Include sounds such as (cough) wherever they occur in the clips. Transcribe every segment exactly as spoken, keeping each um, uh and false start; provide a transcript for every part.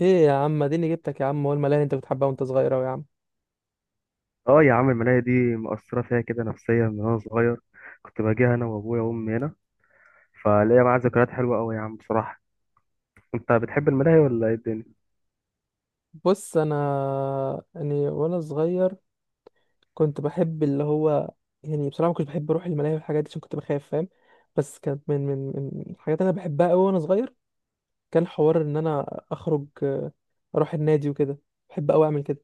ايه يا عم، اديني جبتك يا عم. هو الملاهي اللي انت بتحبها وانت صغير اوي يا عم؟ اه يا عم، المناية دي مأثرة فيها كده نفسيا من وانا صغير. كنت باجيها انا وابويا وامي هنا. فليا معاها ذكريات حلوة قوي يا عم بصراحة. انت بتحب الملاهي ولا ايه الدنيا؟ بص، انا يعني وانا صغير كنت بحب اللي هو، يعني بصراحه ما كنتش بحب اروح الملاهي والحاجات دي عشان كنت بخاف، فاهم؟ بس كانت من من من الحاجات اللي انا بحبها قوي وانا صغير. كان حوار ان انا اخرج آه، اروح النادي وكده. بحب قوي اعمل كده.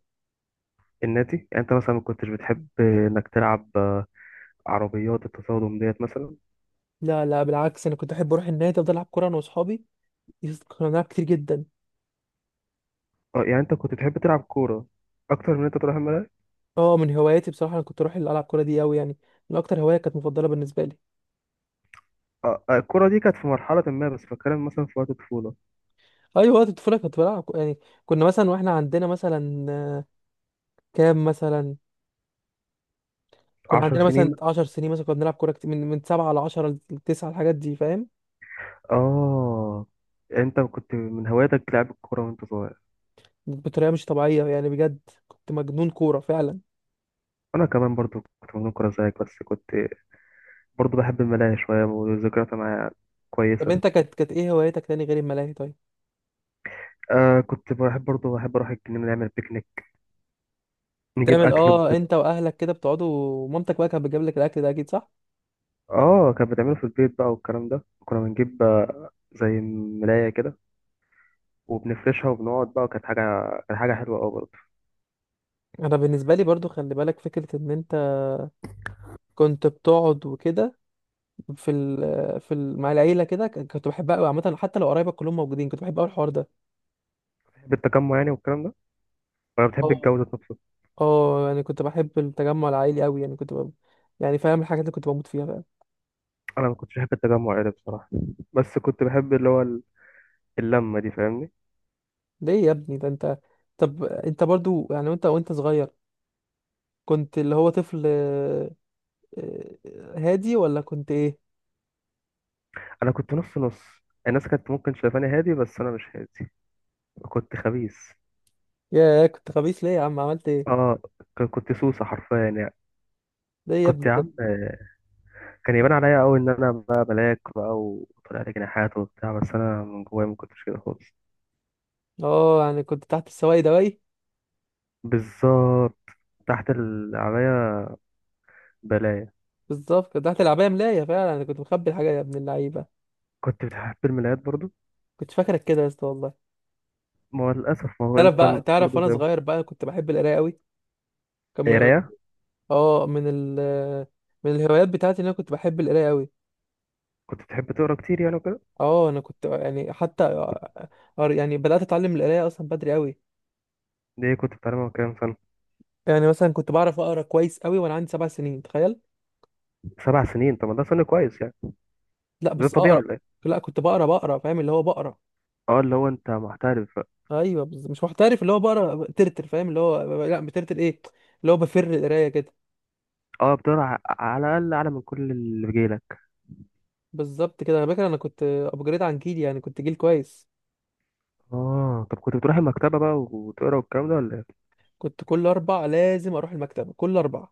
الناتي، يعني انت مثلا ما كنتش بتحب انك تلعب آه، عربيات التصادم ديت مثلا؟ لا، لا، بالعكس، انا كنت احب اروح النادي، افضل العب كوره انا واصحابي. يس- كنا بنلعب كتير جدا. اه يعني انت كنت بتحب تلعب كورة اكتر من انت تروح الملاهي. اه، من هواياتي بصراحه انا كنت اروح العب كوره دي قوي يعني. من اكتر هوايه كانت مفضله بالنسبه لي. اه، آه، الكورة دي كانت في مرحلة ما، بس بتكلم مثلا في وقت الطفولة. ايوه، وقت الطفوله كنت بلعب ك- يعني. كنا مثلا واحنا عندنا مثلا كام مثلا، كنا عشر عندنا سنين مثلا 10 سنين، مثلا كنا بنلعب كوره كتير من من سبعة ل عشر ل تسعة، الحاجات دي، فاهم؟ اه، انت كنت من هواياتك لعب الكورة وانت صغير. بطريقه مش طبيعيه يعني، بجد كنت مجنون كوره فعلا. انا كمان برضو كنت مجنون كورة زيك، بس كنت برضه بحب الملاهي شوية وذكرياتها معايا طب كويسة. انت كانت كانت ايه هوايتك تاني غير الملاهي، طيب؟ آه كنت بحب، برضه بحب أروح الجنينة نعمل بيكنيك، نجيب تعمل أكل اه وكده. انت واهلك كده بتقعدوا، ومامتك بقى كانت بتجيب لك الاكل ده اكيد، صح؟ آه كان بتعمله في البيت بقى والكلام ده، كنا بنجيب آه، زي ملاية كده، وبنفرشها وبنقعد بقى، وكانت حاجة كانت حاجة حلوة أوي برضه. انا بالنسبه لي برضو خلي بالك فكره ان انت كنت بتقعد وكده في ال في ال مع العيله كده ك- كنت بحبها قوي عامه، حتى لو قرايبك كلهم موجودين كنت بحب قوي الحوار بتحب التجمع يعني والكلام ده، ولا بتحب ده. الجو ذات نفسه؟ اه يعني كنت بحب التجمع العائلي قوي، يعني كنت ب... يعني فاهم الحاجات اللي كنت بموت فيها، فاهم؟ أنا ما كنتش بحب التجمع يعني بصراحة، بس كنت بحب اللي هو ال- اللمة دي، فاهمني؟ ليه يا ابني، ده انت. طب انت برضو يعني وانت وانت صغير كنت اللي هو طفل، آه، آه، هادي ولا كنت ايه؟ أنا كنت نص نص. الناس كانت ممكن شايفاني هادي، بس أنا مش هادي، كنت خبيث. يا، كنت خبيث ليه يا عم؟ عملت ايه؟ آه، ك- كنت سوسة حرفيا يعني. ليه يا كنت ابني يا كده؟ عم، كان يبان عليا قوي ان انا بقى ملاك بقى وطلع لي جناحات وبتاع، بس انا من جوايا ما كنتش كده خالص. اه يعني كنت تحت السواق دواي. بالظبط، تحت ال- عليا بلايا. بالظبط، كنت تحت العباية ملاية، فعلا انا كنت مخبي الحاجة يا ابن اللعيبة. كنت بتحب الملايات برضو. كنت فاكرك كده يا اسطى والله. ما هو للاسف، ما هو تعرف انت بقى، تعرف برضو وانا زي صغير بقى كنت بحب القراية قوي. كان من قرايه. اه من ال من الهوايات بتاعتي، ان انا كنت بحب القرايه قوي. كنت بتحب تقرا كتير يعني وكده. اه، انا كنت يعني حتى كنت. قر- يعني بدأت اتعلم القراية اصلا بدري قوي. ليه، كنت بتعلمها كام سنه؟ يعني مثلا كنت بعرف اقرا كويس قوي وانا عندي سبع سنين، تخيل. سبع سنين، طب ما ده سن كويس يعني. لا، ده بس طبيعي اقرا. ولا ايه؟ لا، كنت بقرا بقرا، فاهم؟ اللي هو بقرا. اه، اللي هو انت محترف بقى. ايوه بز- مش محترف، اللي هو بقرا ترتر، فاهم؟ اللي هو ب- لا بترتر، ايه؟ اللي هو بفر القراية كده. اه، بتقرا على الاقل اعلى من كل اللي بيجيلك. بالظبط كده، انا فاكر انا كنت ابجريد عن جيلي يعني، كنت جيل كويس. اه، طب كنت بتروح المكتبه بقى وتقرا والكلام ده ولا ايه؟ كنت كل اربع لازم اروح المكتبة كل اربع.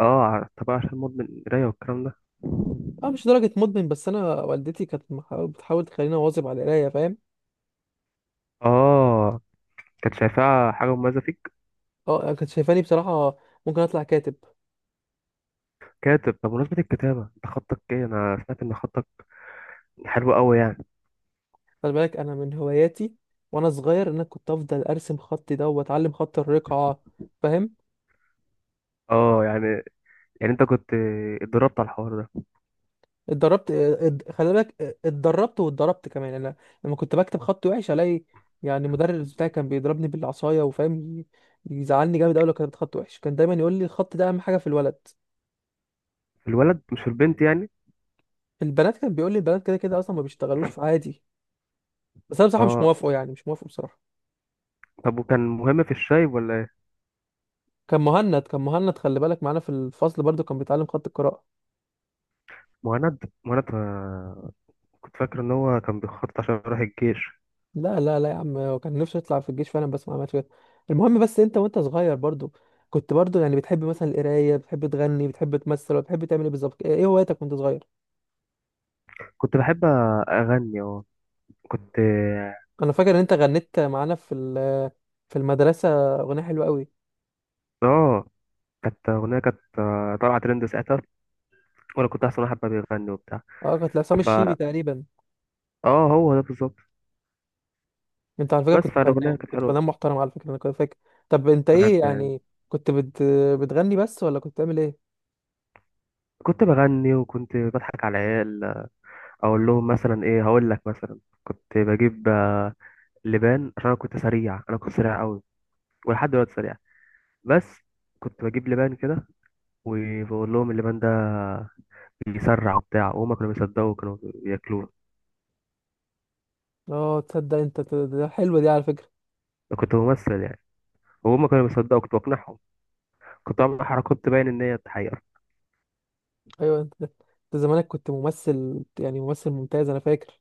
اه، ع- طبعا، عشان مدمن قراية والكلام ده. اه، مش درجة مدمن، بس انا والدتي كانت محاول- بتحاول تخليني اواظب على القراية، فاهم؟ اه، كانت شايفاها حاجة مميزة فيك. اه، كانت شايفاني بصراحة ممكن اطلع كاتب. كاتب؟ طب بمناسبة الكتابة، انت خطك ايه؟ انا سمعت ان خطك حلو قوي يعني. خلي بالك انا من هواياتي وانا صغير، ان انا كنت افضل ارسم خطي ده واتعلم خط الرقعه، فاهم؟ اه يعني، يعني انت كنت اتدربت على الحوار ده. اتدربت اد- خلي بالك، اتدربت واتضربت كمان انا. لما كنت بكتب خطي وحش الاقي يعني المدرس بتاعي كان بيضربني بالعصايه، وفاهم ي- يزعلني جامد قوي لو كتبت خط وحش. كان دايما يقول لي الخط ده اهم حاجه في الولد. في الولد مش في البنت يعني. البنات كان بيقول لي البنات كده كده اصلا ما بيشتغلوش في، عادي. بس انا بصراحه مش اه، موافقه، يعني مش موافقه بصراحه. طب وكان مهم في الشاي ولا ايه؟ كان مهند كان مهند خلي بالك معانا في الفصل برضو كان بيتعلم خط القراءه. مهند. مهند، آه، كنت فاكر ان هو كان بيخطط عشان يروح الجيش. لا، لا، لا، يا عم، هو كان نفسه يطلع في الجيش فعلا بس ما عملش كده. المهم، بس انت وانت صغير برضو كنت برضو يعني، بتحب مثلا القرايه، بتحب تغني، بتحب تمثل ولا بتحب تعمل ايه بالظبط؟ ايه إيه هواياتك وانت صغير؟ كنت بحب اغني اه. كنت. انا فاكر ان انت غنيت معانا في ال- في المدرسه اغنيه حلوه قوي. اه، كانت اغنية، كانت آه، طالعة ترند ساعتها، وانا كنت احسن واحد بقى بيغني وبتاع. اه، كانت لعصام الشيبي فا تقريبا. اه، هو ده بالظبط. انت على فكره بس كنت فالأغنية فنان، كانت كنت حلوة فنان محترم على فكره، انا كنت فاكر. طب انت بجد ايه يعني. يعني، كنت بت... بتغني بس ولا كنت بتعمل ايه؟ كنت بغني وكنت بضحك على العيال، أقول لهم مثلا إيه. هقول لك مثلا، كنت بجيب آه، لبان، عشان أنا كنت سريع، أنا كنت سريع أوي، ولحد دلوقتي سريع. بس كنت بجيب لبان كده، وبقول لهم اللبان ده بيسرع وبتاع، وهما كانوا بيصدقوا وكانوا بياكلوه. اه تصدق، انت ت- ده حلوه دي على فكره. أنا كنت ممثل يعني، وهما كانوا بيصدقوا، كنت بقنعهم. كنت بعمل حركات تبين إن هي حقيقة. ايوه انت انت زمانك كنت ممثل يعني، ممثل ممتاز، انا فاكر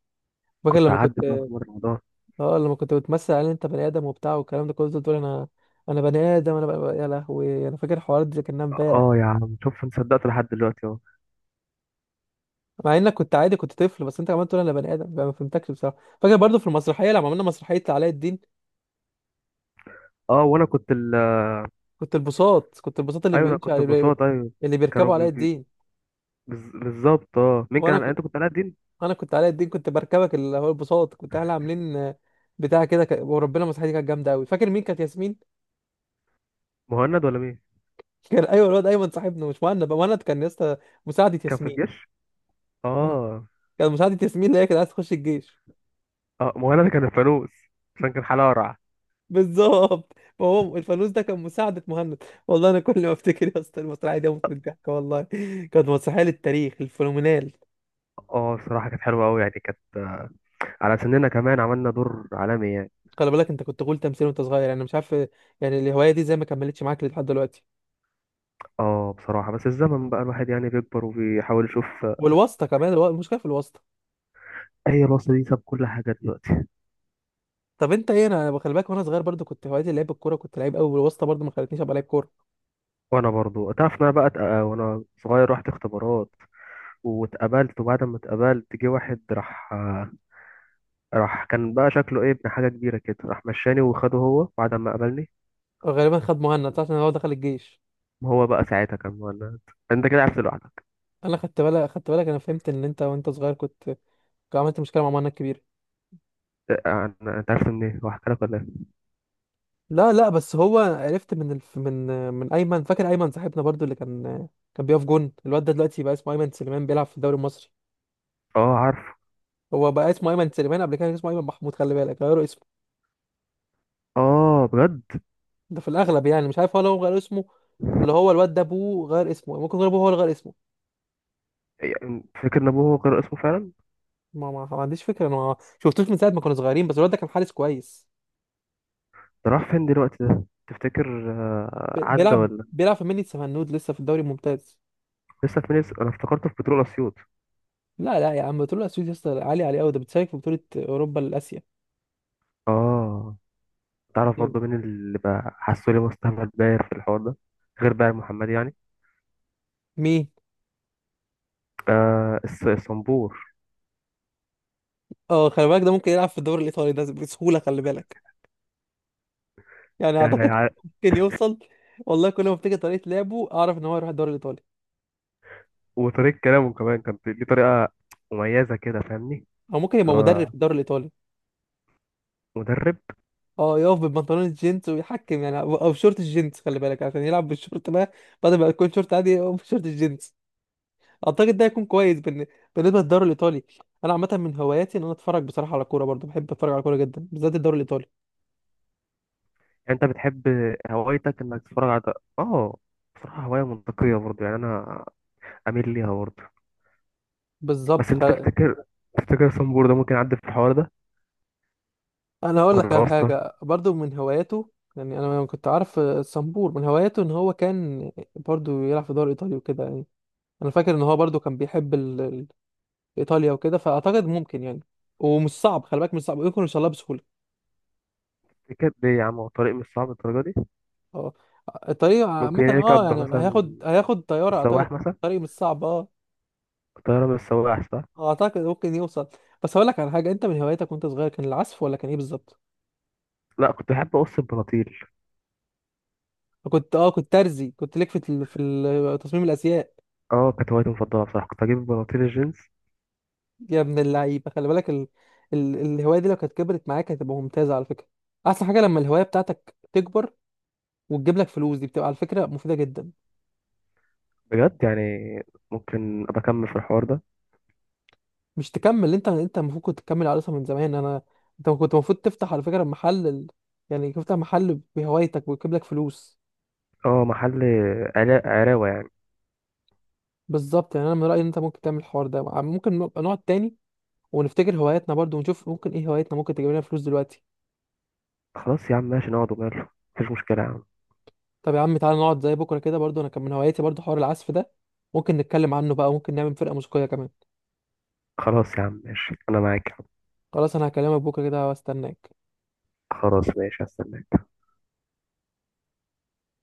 فاكر كنت لما أعدي كنت بقى في مرة الموضوع. اه لما كنت بتمثل على ان انت بني ادم وبتاع والكلام ده كله، تقول انا انا بني ادم، انا بني... يا لهوي، انا فاكر الحوار ده كانها امبارح. اه يا عم، شوف انت صدقت لحد دلوقتي اهو. مع انك كنت عادي، كنت طفل، بس انت عمال تقول انا بني ادم، ما فهمتكش بصراحه. فاكر برضو في المسرحيه لما عملنا مسرحيه علاء الدين. اه، وانا كنت، كنت البساط كنت البساط اللي ايوه، انا بيمشي كنت على ببساطة، ايوه. اللي كانوا بيركبوا علاء بي... بي... الدين. بز- بالظبط. اه، مين وانا كان؟ ك... انت كنت علاء الدين؟ انا كنت علاء الدين، كنت بركبك اللي هو البساط. كنت احنا عاملين آه، بتاع كده ك... وربنا المسرحيه دي كانت جامده قوي. فاكر مين كانت ياسمين؟ مهند ولا مين؟ (laughs) كان، ايوه الواد ايمن صاحبنا، مش مهند، بقى مهند كان يا اسطى مساعده كان في ياسمين. الجيش، اه. كان مساعدة ياسمين اللي هي كانت عايزة تخش الجيش. اه، مهند ده كان الفانوس، عشان كان حلقة قرع. بالظبط، فهو الفانوس ده كان مساعدة مهند. والله أنا كل ما أفتكر يا اسطى المسرحية دي أموت من الضحك والله. كانت مسرحية للتاريخ، الفينومينال. اه، بصراحة كانت حلوة قوي يعني، كانت على سننا كمان، عملنا دور عالمي يعني. خلي بالك، أنت كنت تقول تمثيل وأنت صغير يعني مش عارف، يعني الهواية دي زي ما كملتش معاك لحد دلوقتي. اه بصراحة، بس الزمن بقى الواحد يعني بيكبر، وبيحاول يشوف. والواسطة كمان، الوا- المشكلة في الواسطة. هي الوصلة دي ساب كل حاجة دلوقتي. طب أنت إيه؟ أنا خلي بالك، وأنا صغير برضو كنت هوايتي لعب الكورة، كنت لعيب أوي، والواسطة برضو ما خلتنيش أبقى لعيب كورة. وانا برضو تعرف ان انا بقى اتق- وانا صغير رحت اختبارات، واتقابلت. وبعد ما اتقابلت، جه واحد راح راح كان بقى شكله ايه، ابن حاجة كبيرة كده، راح مشاني وخده هو بعد ما قابلني. غالبا خد مهند، صح؟ عشان هو دخل الجيش. هو بقى ساعتها كان مولد. انت كده عرفت لوحدك. أنا خدت بالك، خدت بالك، أنا فهمت إن أنت وأنت صغير كنت عملت مشكلة مع مهند كبيرة. إيه، أنا- انت عرفت منين؟ هو حكى لك ولا ايه؟ لا، لا، بس هو عرفت من الف... من من ايمن. فاكر ايمن صاحبنا برضو، اللي كان كان بيقف جون، الواد ده دلوقتي بقى اسمه ايمن سليمان، بيلعب في الدوري المصري. اه عارف. هو بقى اسمه ايمن سليمان، قبل كده كان اسمه ايمن محمود، خلي بالك غيروا اسمه. اه بجد ده في الاغلب يعني، مش عارف هو لو غير اسمه ولا هو الواد ده ابوه غير اسمه. ممكن يكون ابوه هو اللي غير اسمه. يعني، فاكر ان ابوه هو كان اسمه فعلا. ما, ما, ما عنديش فكره، انا ما شفتوش من ساعه ما كنا صغيرين، بس الواد ده كان حارس كويس. ده راح فين دلوقتي ده؟ تفتكر آه، ب- عدى بيلعب ولا؟ بيلعب في مني سفنود لسه في الدوري الممتاز. لسه في ناس. انا افتكرته في بترول اسيوط. لا، لا، يا عم بتقول له اسيوط يا اسطى؟ عالي عليه قوي، ده بتشارك في بطوله اوروبا لاسيا. اه، تعرف برضه مين اللي بقى حاسه لي مستعمل باير في الحوار ده، غير بقى محمد يعني؟ مين؟ آه، الص- الصنبور. اه خلي بالك، ده ممكن يلعب في الدوري الايطالي ده بسهوله، خلي بالك، يعني اعتقد يعني (laughs) ممكن يوصل. والله كل ما افتكر طريقه لعبه اعرف ان هو يروح الدوري الايطالي. وطريقة كلامه كمان، كانت ليه طريقة مميزة كده، فاهمني؟ او ممكن يبقى اللي مدرب هو في الدوري الايطالي. مدرب. اه، يقف ببنطلون الجينز ويحكم يعني، او أو بشورت الجينز، خلي بالك عشان يلعب بالشورت بقى، بدل ما يكون شورت عادي يقف بشورت الجينز. اعتقد ده هيكون كويس بالن- بالنسبه للدوري الايطالي. انا عامه من هواياتي ان انا اتفرج بصراحه على كوره، برضه بحب اتفرج على كوره جدا، بالذات الدوري الايطالي. يعني انت بتحب، هوايتك انك تتفرج على ده. اه، بصراحة هواية منطقية برضه يعني، انا اميل ليها برضه. بس بالظبط، انت تفتكر، تفتكر صنبور ده ممكن يعدي في الحوار ده انا هقول لك ولا على واسطة؟ حاجه برضو من هواياته. يعني انا لما كنت عارف الصنبور من هواياته ان هو كان برضو يلعب في دوري ايطالي وكده يعني. انا فاكر ان هو برضو كان بيحب ال... ال- ايطاليا وكده، فاعتقد ممكن يعني. ومش صعب، خلي بالك مش صعب، يمكن يوصلها بسهوله. تفتكر ليه يا عم؟ هو الطريق مش صعب الدرجة دي. اه، الطريق ممكن عامه اه يركب يعني، مثلا هياخد هياخد طياره، اعتقد السواح مثلا، الطريق مش صعب، اه. الطيارة من السواح صح. اعتقد ممكن يوصل. بس هقول لك على حاجه، انت من هواياتك وانت صغير كان العزف ولا كان ايه بالظبط؟ لا، كنت بحب اقص البناطيل. كنت اه كنت ترزي، كنت ليك في ال- في ال- تصميم الازياء. اه، كانت هوايتي المفضلة بصراحة، كنت اجيب بناطيل الجينز. يا ابن اللعيبه، خلي بالك ال... ال... الهوايه دي لو كانت كبرت معاك هتبقى ممتازه على فكره. احسن حاجه لما الهوايه بتاعتك تكبر وتجيب لك فلوس، دي بتبقى على فكره مفيده جدا. بجد يعني، ممكن ابقى اكمل في الحوار ده. مش تكمل انت انت المفروض كنت تكمل على اصلا من زمان. انا انت كنت المفروض تفتح على فكره محل، ال... يعني تفتح محل بهوايتك ويجيب لك فلوس. اه محل، علا- عراوة يعني. بالظبط يعني، انا من رايي ان انت ممكن تعمل الحوار ده، ممكن نبقى نقعد تاني ونفتكر هواياتنا برضو، ونشوف ممكن ايه هواياتنا ممكن تجيب لنا فلوس دلوقتي. خلاص يا عم ماشي، نقعد وماله. مفيش مشكلة يا عم. طب يا عم، تعالى نقعد زي بكره كده، برضو انا كان من هواياتي برضو حوار العزف ده، ممكن نتكلم عنه بقى وممكن نعمل فرقه موسيقيه كمان. خلاص يا عم ماشي، أنا معاك يا عم. خلاص، انا هكلمك بكره كده واستناك. خلاص ماشي، هستناك.